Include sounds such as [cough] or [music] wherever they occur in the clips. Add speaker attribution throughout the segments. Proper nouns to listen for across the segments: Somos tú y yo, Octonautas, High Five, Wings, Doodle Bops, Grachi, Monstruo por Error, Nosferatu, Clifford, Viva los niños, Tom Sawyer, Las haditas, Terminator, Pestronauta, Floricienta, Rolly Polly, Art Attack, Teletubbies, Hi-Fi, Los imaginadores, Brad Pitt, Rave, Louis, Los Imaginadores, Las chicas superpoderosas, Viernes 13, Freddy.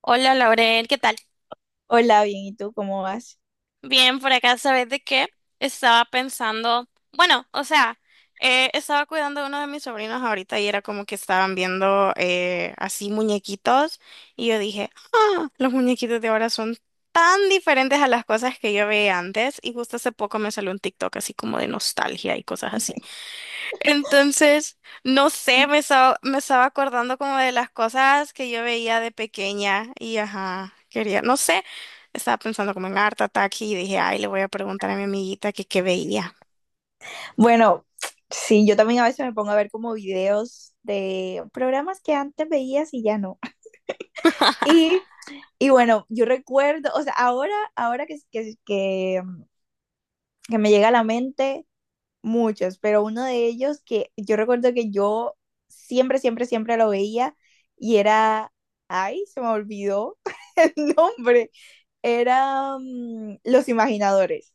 Speaker 1: Hola Laurel, ¿qué tal?
Speaker 2: Hola, bien, ¿y tú cómo vas?
Speaker 1: Bien, por acá, ¿sabes de qué? Estaba pensando, bueno, o sea, estaba cuidando a uno de mis sobrinos ahorita y era como que estaban viendo así muñequitos y yo dije, ah, los muñequitos de ahora son tan diferentes a las cosas que yo veía antes y justo hace poco me salió un TikTok así como de nostalgia y cosas así. Entonces, no sé, me estaba acordando como de las cosas que yo veía de pequeña y ajá, quería, no sé, estaba pensando como en Art Attack y dije, ay, le voy a preguntar a mi amiguita que qué veía.
Speaker 2: Bueno, sí, yo también a veces me pongo a ver como videos de programas que antes veías y ya no. [laughs]
Speaker 1: [laughs]
Speaker 2: Y, y bueno, yo recuerdo, o sea, ahora que me llega a la mente muchos, pero uno de ellos que yo recuerdo que yo siempre, siempre, siempre lo veía y era, ay, se me olvidó [laughs] el nombre, era Los Imaginadores.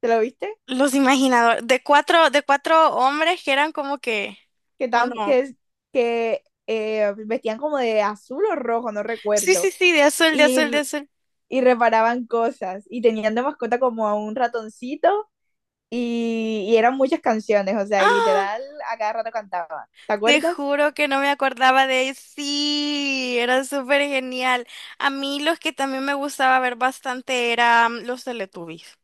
Speaker 2: ¿Te lo viste?
Speaker 1: Los imaginadores, de cuatro hombres que eran como que,
Speaker 2: Que,
Speaker 1: ¿o
Speaker 2: tan, que,
Speaker 1: no?
Speaker 2: que vestían como de azul o rojo, no
Speaker 1: Sí, sí,
Speaker 2: recuerdo,
Speaker 1: sí, de azul, de
Speaker 2: y,
Speaker 1: azul, de
Speaker 2: r-
Speaker 1: azul.
Speaker 2: y reparaban cosas, y tenían de mascota como a un ratoncito, y eran muchas canciones, o sea, y
Speaker 1: ¡Ah!
Speaker 2: literal a cada rato cantaban, ¿te
Speaker 1: Te
Speaker 2: acuerdas?
Speaker 1: juro que no me acordaba de él. Sí, era súper genial. A mí los que también me gustaba ver bastante eran los Teletubbies.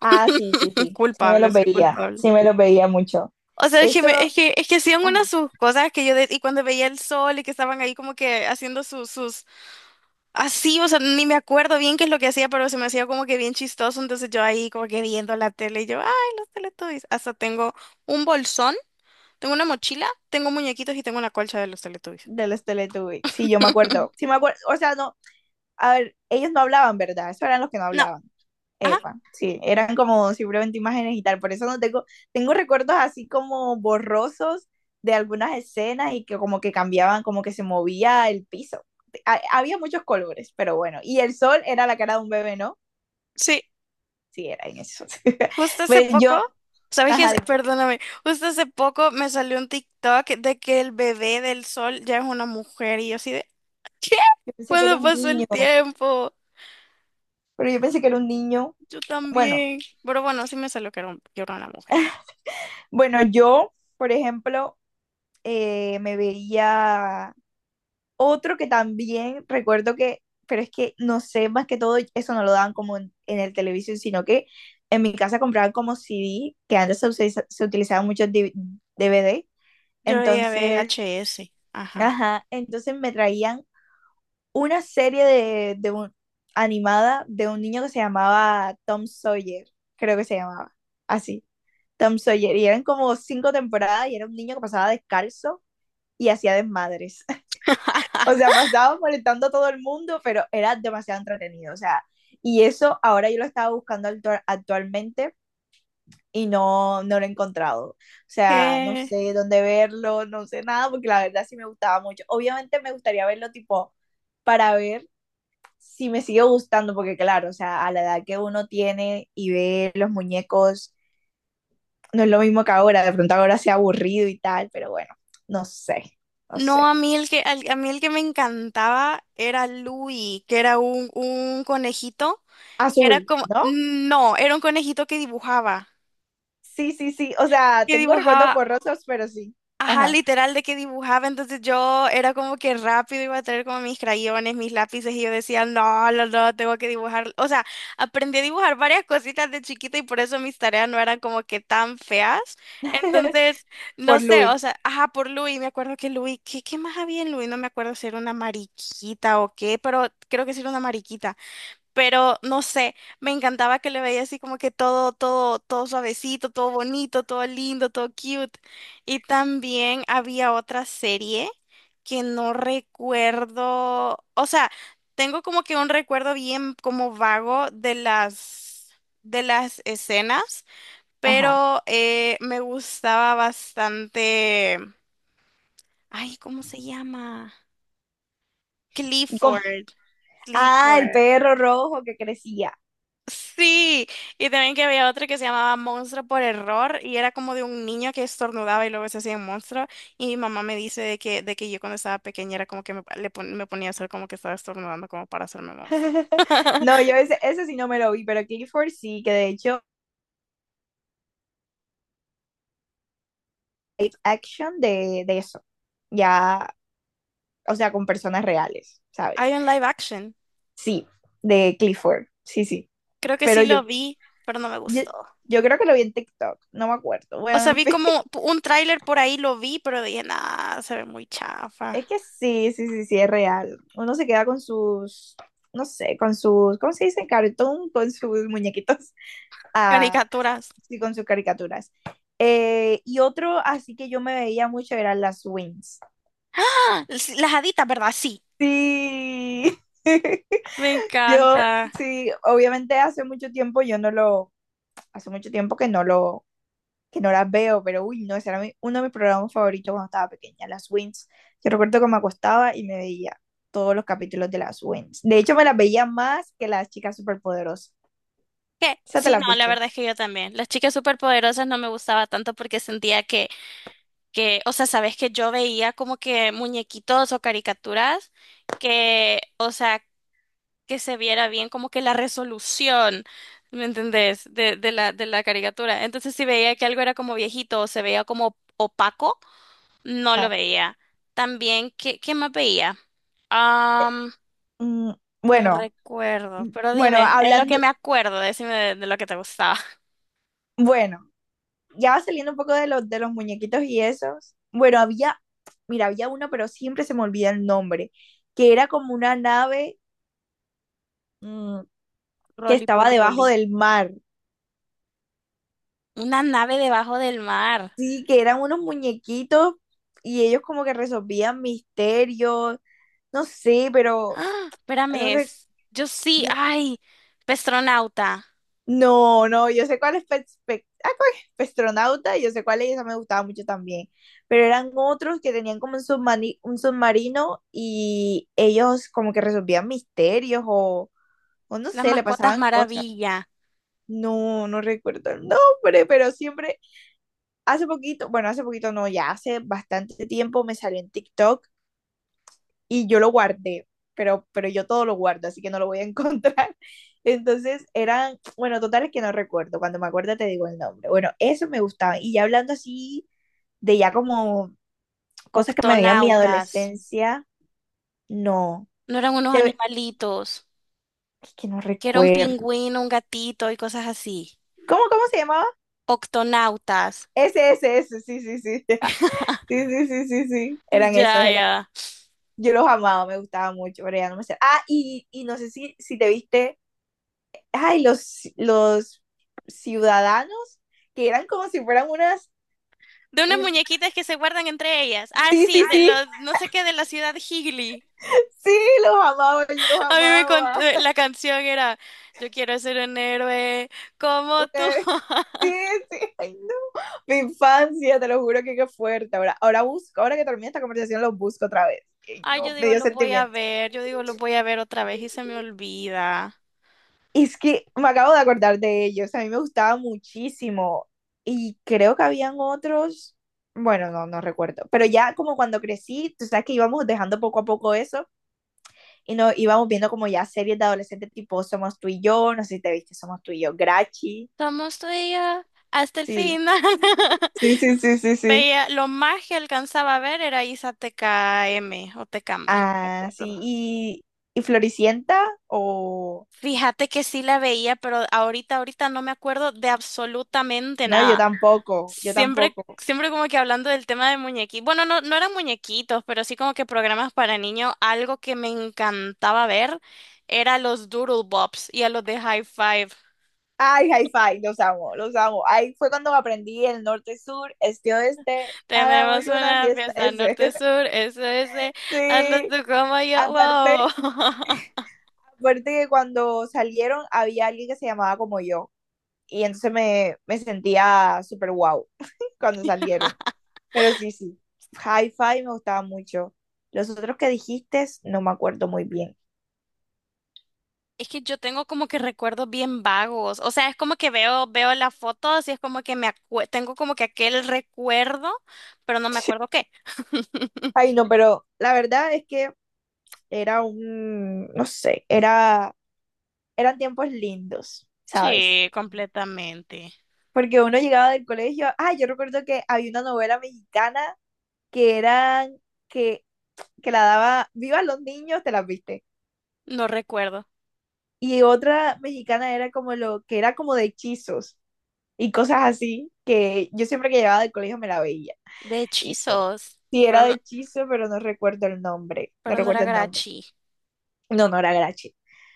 Speaker 2: Ah, sí, sí,
Speaker 1: [laughs]
Speaker 2: sí, sí me
Speaker 1: Culpable,
Speaker 2: los
Speaker 1: soy
Speaker 2: veía,
Speaker 1: culpable.
Speaker 2: sí me los veía mucho.
Speaker 1: O sea,
Speaker 2: Eso,
Speaker 1: es que hacían unas
Speaker 2: ajá,
Speaker 1: sus cosas que yo, y cuando veía el sol y que estaban ahí como que haciendo así, o sea, ni me acuerdo bien qué es lo que hacía, pero se me hacía como que bien chistoso. Entonces yo ahí como que viendo la tele y yo, ay, los Teletubbies. Hasta tengo un bolsón, tengo una mochila, tengo muñequitos y tengo una colcha de los Teletubbies.
Speaker 2: de los Teletubbies, sí, yo me acuerdo, sí
Speaker 1: [laughs]
Speaker 2: me acuerdo, o sea, no, a ver, ellos no hablaban, ¿verdad? Eso eran los que no
Speaker 1: No,
Speaker 2: hablaban.
Speaker 1: ah,
Speaker 2: Epa, sí, eran como simplemente imágenes y tal, por eso no tengo, tengo recuerdos así como borrosos de algunas escenas y que como que cambiaban, como que se movía el piso. Había muchos colores, pero bueno, y el sol era la cara de un bebé, ¿no?
Speaker 1: sí,
Speaker 2: Sí, era en eso.
Speaker 1: justo
Speaker 2: [laughs]
Speaker 1: hace
Speaker 2: Pero
Speaker 1: poco,
Speaker 2: yo,
Speaker 1: ¿sabes qué?
Speaker 2: ajá,
Speaker 1: Es?
Speaker 2: dime,
Speaker 1: Perdóname, justo hace poco me salió un TikTok de que el bebé del sol ya es una mujer y yo así de, ¿qué?
Speaker 2: yo pensé que era
Speaker 1: ¿Cuándo
Speaker 2: un
Speaker 1: pasó
Speaker 2: niño,
Speaker 1: el tiempo?
Speaker 2: pero yo pensé que era un niño.
Speaker 1: Yo
Speaker 2: Bueno,
Speaker 1: también. Pero bueno, sí me salió que era, que era una mujer.
Speaker 2: bueno, yo, por ejemplo, me veía otro que también recuerdo que, pero es que no sé, más que todo eso no lo daban como en el televisión, sino que en mi casa compraban como c d que antes se utilizaban muchos d v d.
Speaker 1: Yo veía
Speaker 2: Entonces,
Speaker 1: VHS, ajá.
Speaker 2: ajá, entonces me traían una serie de un, animada de un niño que se llamaba Tom Sawyer, creo que se llamaba así, Tom Sawyer. Y eran como 5 temporadas y era un niño que pasaba descalzo y hacía desmadres. O
Speaker 1: [laughs]
Speaker 2: sea, pasaba molestando a todo el mundo, pero era demasiado entretenido. O sea, y eso ahora yo lo estaba buscando actualmente y no, no lo he encontrado. O sea, no
Speaker 1: ¿Qué?
Speaker 2: sé dónde verlo, no sé nada, porque la verdad sí me gustaba mucho. Obviamente me gustaría verlo tipo para ver si me sigue gustando, porque claro, o sea, a la edad que uno tiene y ve los muñecos, no es lo mismo que ahora. De pronto ahora sea aburrido y tal, pero bueno, no sé, no
Speaker 1: No, a
Speaker 2: sé.
Speaker 1: mí el que, a mí el que me encantaba era Louis, que era un conejito, que era
Speaker 2: Azul,
Speaker 1: como,
Speaker 2: ¿no?
Speaker 1: no, era un conejito que dibujaba,
Speaker 2: Sí, sí, sí. O sea,
Speaker 1: que
Speaker 2: tengo recuerdos
Speaker 1: dibujaba.
Speaker 2: borrosos, pero sí.
Speaker 1: Ajá,
Speaker 2: Ajá.
Speaker 1: literal de que dibujaba, entonces yo era como que rápido iba a traer como mis crayones, mis lápices y yo decía, no, no, no, tengo que dibujar. O sea, aprendí a dibujar varias cositas de chiquita y por eso mis tareas no eran como que tan feas.
Speaker 2: [laughs]
Speaker 1: Entonces, no
Speaker 2: Por
Speaker 1: sé, o
Speaker 2: Louis.
Speaker 1: sea, ajá, por Luis, me acuerdo que Luis, ¿qué más había en Luis? No me acuerdo si era una mariquita o qué, pero creo que sí era una mariquita, pero no sé, me encantaba que le veía así como que todo suavecito, todo bonito, todo lindo, todo cute. Y también había otra serie que no recuerdo, o sea, tengo como que un recuerdo bien como vago de las escenas,
Speaker 2: Ajá.
Speaker 1: pero me gustaba bastante, ay, ¿cómo se llama?
Speaker 2: Con-
Speaker 1: Clifford.
Speaker 2: ah, el
Speaker 1: Clifford.
Speaker 2: perro rojo que crecía.
Speaker 1: Sí, y también que había otra que se llamaba Monstruo por Error y era como de un niño que estornudaba y luego se hacía un monstruo y mi mamá me dice de que yo cuando estaba pequeña era como que me, me ponía a hacer como que estaba estornudando como para hacerme monstruo.
Speaker 2: [laughs] No, yo
Speaker 1: [laughs]
Speaker 2: ese, ese sí no me lo vi, pero Clifford sí, que de hecho, live action de eso. Ya, o sea, con personas reales,
Speaker 1: Hay
Speaker 2: ¿sabes?
Speaker 1: un live action,
Speaker 2: Sí, de Clifford. Sí, sí.
Speaker 1: creo que
Speaker 2: Pero
Speaker 1: sí lo vi, pero no me
Speaker 2: yo,
Speaker 1: gustó.
Speaker 2: yo creo que lo vi en TikTok, no me acuerdo.
Speaker 1: O
Speaker 2: Bueno,
Speaker 1: sea,
Speaker 2: en
Speaker 1: vi
Speaker 2: fin.
Speaker 1: como un tráiler por ahí, lo vi, pero dije, nah, se ve muy chafa.
Speaker 2: Es que sí, sí, sí, sí, es real. Uno se queda con sus, no sé, con sus, ¿cómo se dice? Cartoon, con sus muñequitos, [laughs] ah,
Speaker 1: Caricaturas.
Speaker 2: sí, con sus caricaturas. Y otro así que yo me veía mucho eran las Wings.
Speaker 1: ¡Ah! Sí, las haditas, ¿verdad? Sí.
Speaker 2: Sí.
Speaker 1: Me
Speaker 2: [laughs] Yo,
Speaker 1: encanta.
Speaker 2: sí, obviamente hace mucho tiempo yo no lo, hace mucho tiempo que no lo, que no las veo, pero uy, no, ese era uno de mis programas favoritos cuando estaba pequeña, las Wins. Yo recuerdo que me acostaba y me veía todos los capítulos de las Wins. De hecho, me las veía más que las chicas superpoderosas.
Speaker 1: ¿Qué?
Speaker 2: ¿Ya te
Speaker 1: Sí,
Speaker 2: las
Speaker 1: no, la
Speaker 2: viste?
Speaker 1: verdad es que yo también. Las chicas superpoderosas no me gustaba tanto porque sentía que, o sea, sabes que yo veía como que muñequitos o caricaturas que, que se viera bien como que la resolución, ¿me entendés? De la caricatura. Entonces, si veía que algo era como viejito o se veía como opaco, no lo
Speaker 2: Ajá.
Speaker 1: veía. También, ¿qué más veía? Am,
Speaker 2: Mm,
Speaker 1: no
Speaker 2: bueno,
Speaker 1: recuerdo, pero
Speaker 2: bueno,
Speaker 1: dime, es lo que
Speaker 2: hablando,
Speaker 1: me acuerdo, decime de lo que te gustaba.
Speaker 2: bueno, ya va saliendo un poco de los muñequitos y esos. Bueno, había, mira, había uno, pero siempre se me olvida el nombre, que era como una nave, mm, que
Speaker 1: Rolly
Speaker 2: estaba debajo
Speaker 1: Polly.
Speaker 2: del mar.
Speaker 1: Una nave debajo del mar.
Speaker 2: Sí, que eran unos muñequitos y ellos como que resolvían misterios, no sé, pero
Speaker 1: Ah,
Speaker 2: no,
Speaker 1: espérame, es. Yo sí,
Speaker 2: no,
Speaker 1: ay, Pestronauta,
Speaker 2: no, yo sé cuál es ah, ¿cuál es? Pestronauta, yo sé cuál es, esa me gustaba mucho también, pero eran otros que tenían como un un submarino y ellos como que resolvían misterios o no
Speaker 1: las
Speaker 2: sé, le
Speaker 1: mascotas
Speaker 2: pasaban cosas.
Speaker 1: maravilla,
Speaker 2: No, no recuerdo el nombre, pero siempre, hace poquito, bueno, hace poquito no, ya hace bastante tiempo me salió en TikTok y yo lo guardé, pero yo todo lo guardo, así que no lo voy a [laughs] encontrar. Entonces eran, bueno, totales que no recuerdo, cuando me acuerdo te digo el nombre. Bueno, eso me gustaba. Y ya hablando así de ya como cosas que me veían mi
Speaker 1: Octonautas.
Speaker 2: adolescencia, no,
Speaker 1: No eran unos
Speaker 2: Debe...
Speaker 1: animalitos,
Speaker 2: es que no
Speaker 1: que era un
Speaker 2: recuerdo.
Speaker 1: pingüino, un gatito y cosas así.
Speaker 2: ¿Cómo, cómo se llamaba?
Speaker 1: Octonautas.
Speaker 2: Ese, sí, sí, sí. [laughs] Sí, sí, sí, sí, sí. Eran esos,
Speaker 1: Ya,
Speaker 2: eran.
Speaker 1: ya.
Speaker 2: Yo los amaba, me gustaba mucho, pero ya no me sé. Ah, y no sé si, si te viste ay, los ciudadanos que eran como si fueran unas,
Speaker 1: De unas
Speaker 2: un,
Speaker 1: muñequitas que se guardan entre ellas. Ah,
Speaker 2: sí, sí,
Speaker 1: sí, de
Speaker 2: sí,
Speaker 1: los, no sé qué, de la ciudad Higley.
Speaker 2: sí, los amaba, yo los
Speaker 1: [laughs] A mí me contó,
Speaker 2: amaba.
Speaker 1: la canción era, yo quiero ser un héroe como tú.
Speaker 2: Okay. Sí, sí, ay, no. Mi infancia, te lo juro que qué fuerte. Ahora, ahora busco, ahora que termine esta conversación, los busco otra vez. Ay,
Speaker 1: Ay, yo
Speaker 2: no, me
Speaker 1: digo,
Speaker 2: dio
Speaker 1: lo voy a
Speaker 2: sentimiento.
Speaker 1: ver, yo digo, lo voy a ver otra vez y se me olvida.
Speaker 2: Es que me acabo de acordar de ellos, a mí me gustaba muchísimo. Y creo que habían otros, bueno, no, no recuerdo, pero ya como cuando crecí, tú sabes que íbamos dejando poco a poco eso y no, íbamos viendo como ya series de adolescentes tipo Somos tú y yo, no sé si te viste Somos tú y yo, Grachi,
Speaker 1: Somos tú y yo hasta el
Speaker 2: sí,
Speaker 1: final. [laughs]
Speaker 2: sí, sí, sí, sí, sí.
Speaker 1: Veía, lo más que alcanzaba a ver era Isa T K M o T TKM, no me
Speaker 2: Ah,
Speaker 1: acuerdo.
Speaker 2: sí, y Floricienta o...
Speaker 1: Fíjate que sí la veía, pero ahorita no me acuerdo de absolutamente
Speaker 2: No, yo
Speaker 1: nada.
Speaker 2: tampoco, yo
Speaker 1: Siempre,
Speaker 2: tampoco.
Speaker 1: siempre como que hablando del tema de muñequitos. Bueno, no, no eran muñequitos, pero sí como que programas para niños. Algo que me encantaba ver era los Doodle Bops y a los de High Five.
Speaker 2: Ay, hi-fi, los amo, los amo. Ahí fue cuando aprendí el norte-sur, este-oeste,
Speaker 1: Tenemos
Speaker 2: hagamos una
Speaker 1: una
Speaker 2: fiesta,
Speaker 1: fiesta
Speaker 2: ese. [laughs]
Speaker 1: norte-sur, eso es de hazlo
Speaker 2: Sí,
Speaker 1: tú como yo, wow.
Speaker 2: aparte,
Speaker 1: [laughs]
Speaker 2: aparte que cuando salieron había alguien que se llamaba como yo. Y entonces me sentía súper wow [laughs] cuando salieron. Pero sí, sí, Hi-Fi me gustaba mucho. Los otros que dijiste no me acuerdo muy bien.
Speaker 1: Es que yo tengo como que recuerdos bien vagos, o sea, es como que veo, veo las fotos y es como que tengo como que aquel recuerdo, pero no me acuerdo qué.
Speaker 2: Ay, no, pero la verdad es que era un, no sé, era, eran tiempos lindos, ¿sabes?
Speaker 1: Sí, completamente.
Speaker 2: Porque uno llegaba del colegio, ah, yo recuerdo que había una novela mexicana que eran, que que la daba Viva los niños, te las viste.
Speaker 1: No recuerdo.
Speaker 2: Y otra mexicana era como lo que era como de hechizos y cosas así, que yo siempre que llegaba del colegio me la veía.
Speaker 1: De
Speaker 2: Y no,
Speaker 1: hechizos,
Speaker 2: sí
Speaker 1: pero
Speaker 2: era de
Speaker 1: no,
Speaker 2: hechizo, pero no recuerdo el nombre, no
Speaker 1: pero no era
Speaker 2: recuerdo el nombre.
Speaker 1: Grachi.
Speaker 2: No, no era Grachi.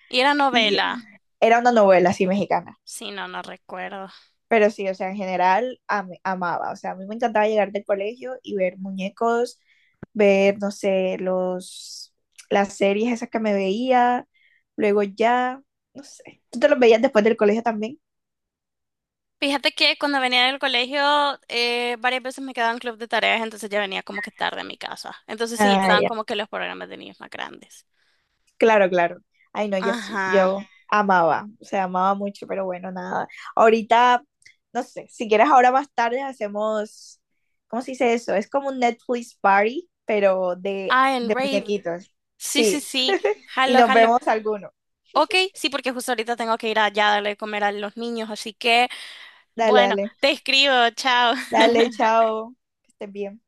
Speaker 1: Y era
Speaker 2: Y
Speaker 1: novela.
Speaker 2: era una novela así mexicana.
Speaker 1: Sí, no, no recuerdo.
Speaker 2: Pero sí, o sea, en general amaba, o sea, a mí me encantaba llegar del colegio y ver muñecos, ver, no sé, los, las series esas que me veía, luego ya, no sé, ¿tú te los veías después del colegio también?
Speaker 1: Fíjate que cuando venía del colegio, varias veces me quedaba en club de tareas, entonces ya venía como que tarde a mi casa. Entonces sí, ya
Speaker 2: Ah,
Speaker 1: estaban
Speaker 2: ya.
Speaker 1: como que los programas de niños más grandes.
Speaker 2: Claro, claro. Ay, no, yo sí,
Speaker 1: Ajá.
Speaker 2: yo amaba, o sea, amaba mucho, pero bueno, nada. Ahorita, no sé, si quieres ahora más tarde hacemos, ¿cómo se dice eso? Es como un Netflix party, pero de
Speaker 1: Ah, en Rave.
Speaker 2: muñequitos.
Speaker 1: Sí, sí,
Speaker 2: Sí,
Speaker 1: sí.
Speaker 2: y
Speaker 1: Jalo,
Speaker 2: nos
Speaker 1: jalo.
Speaker 2: vemos algunos.
Speaker 1: Ok, sí, porque justo ahorita tengo que ir allá a darle de comer a los niños, así que,
Speaker 2: Dale,
Speaker 1: bueno,
Speaker 2: dale.
Speaker 1: te escribo, chao.
Speaker 2: Dale, chao. Que estés bien.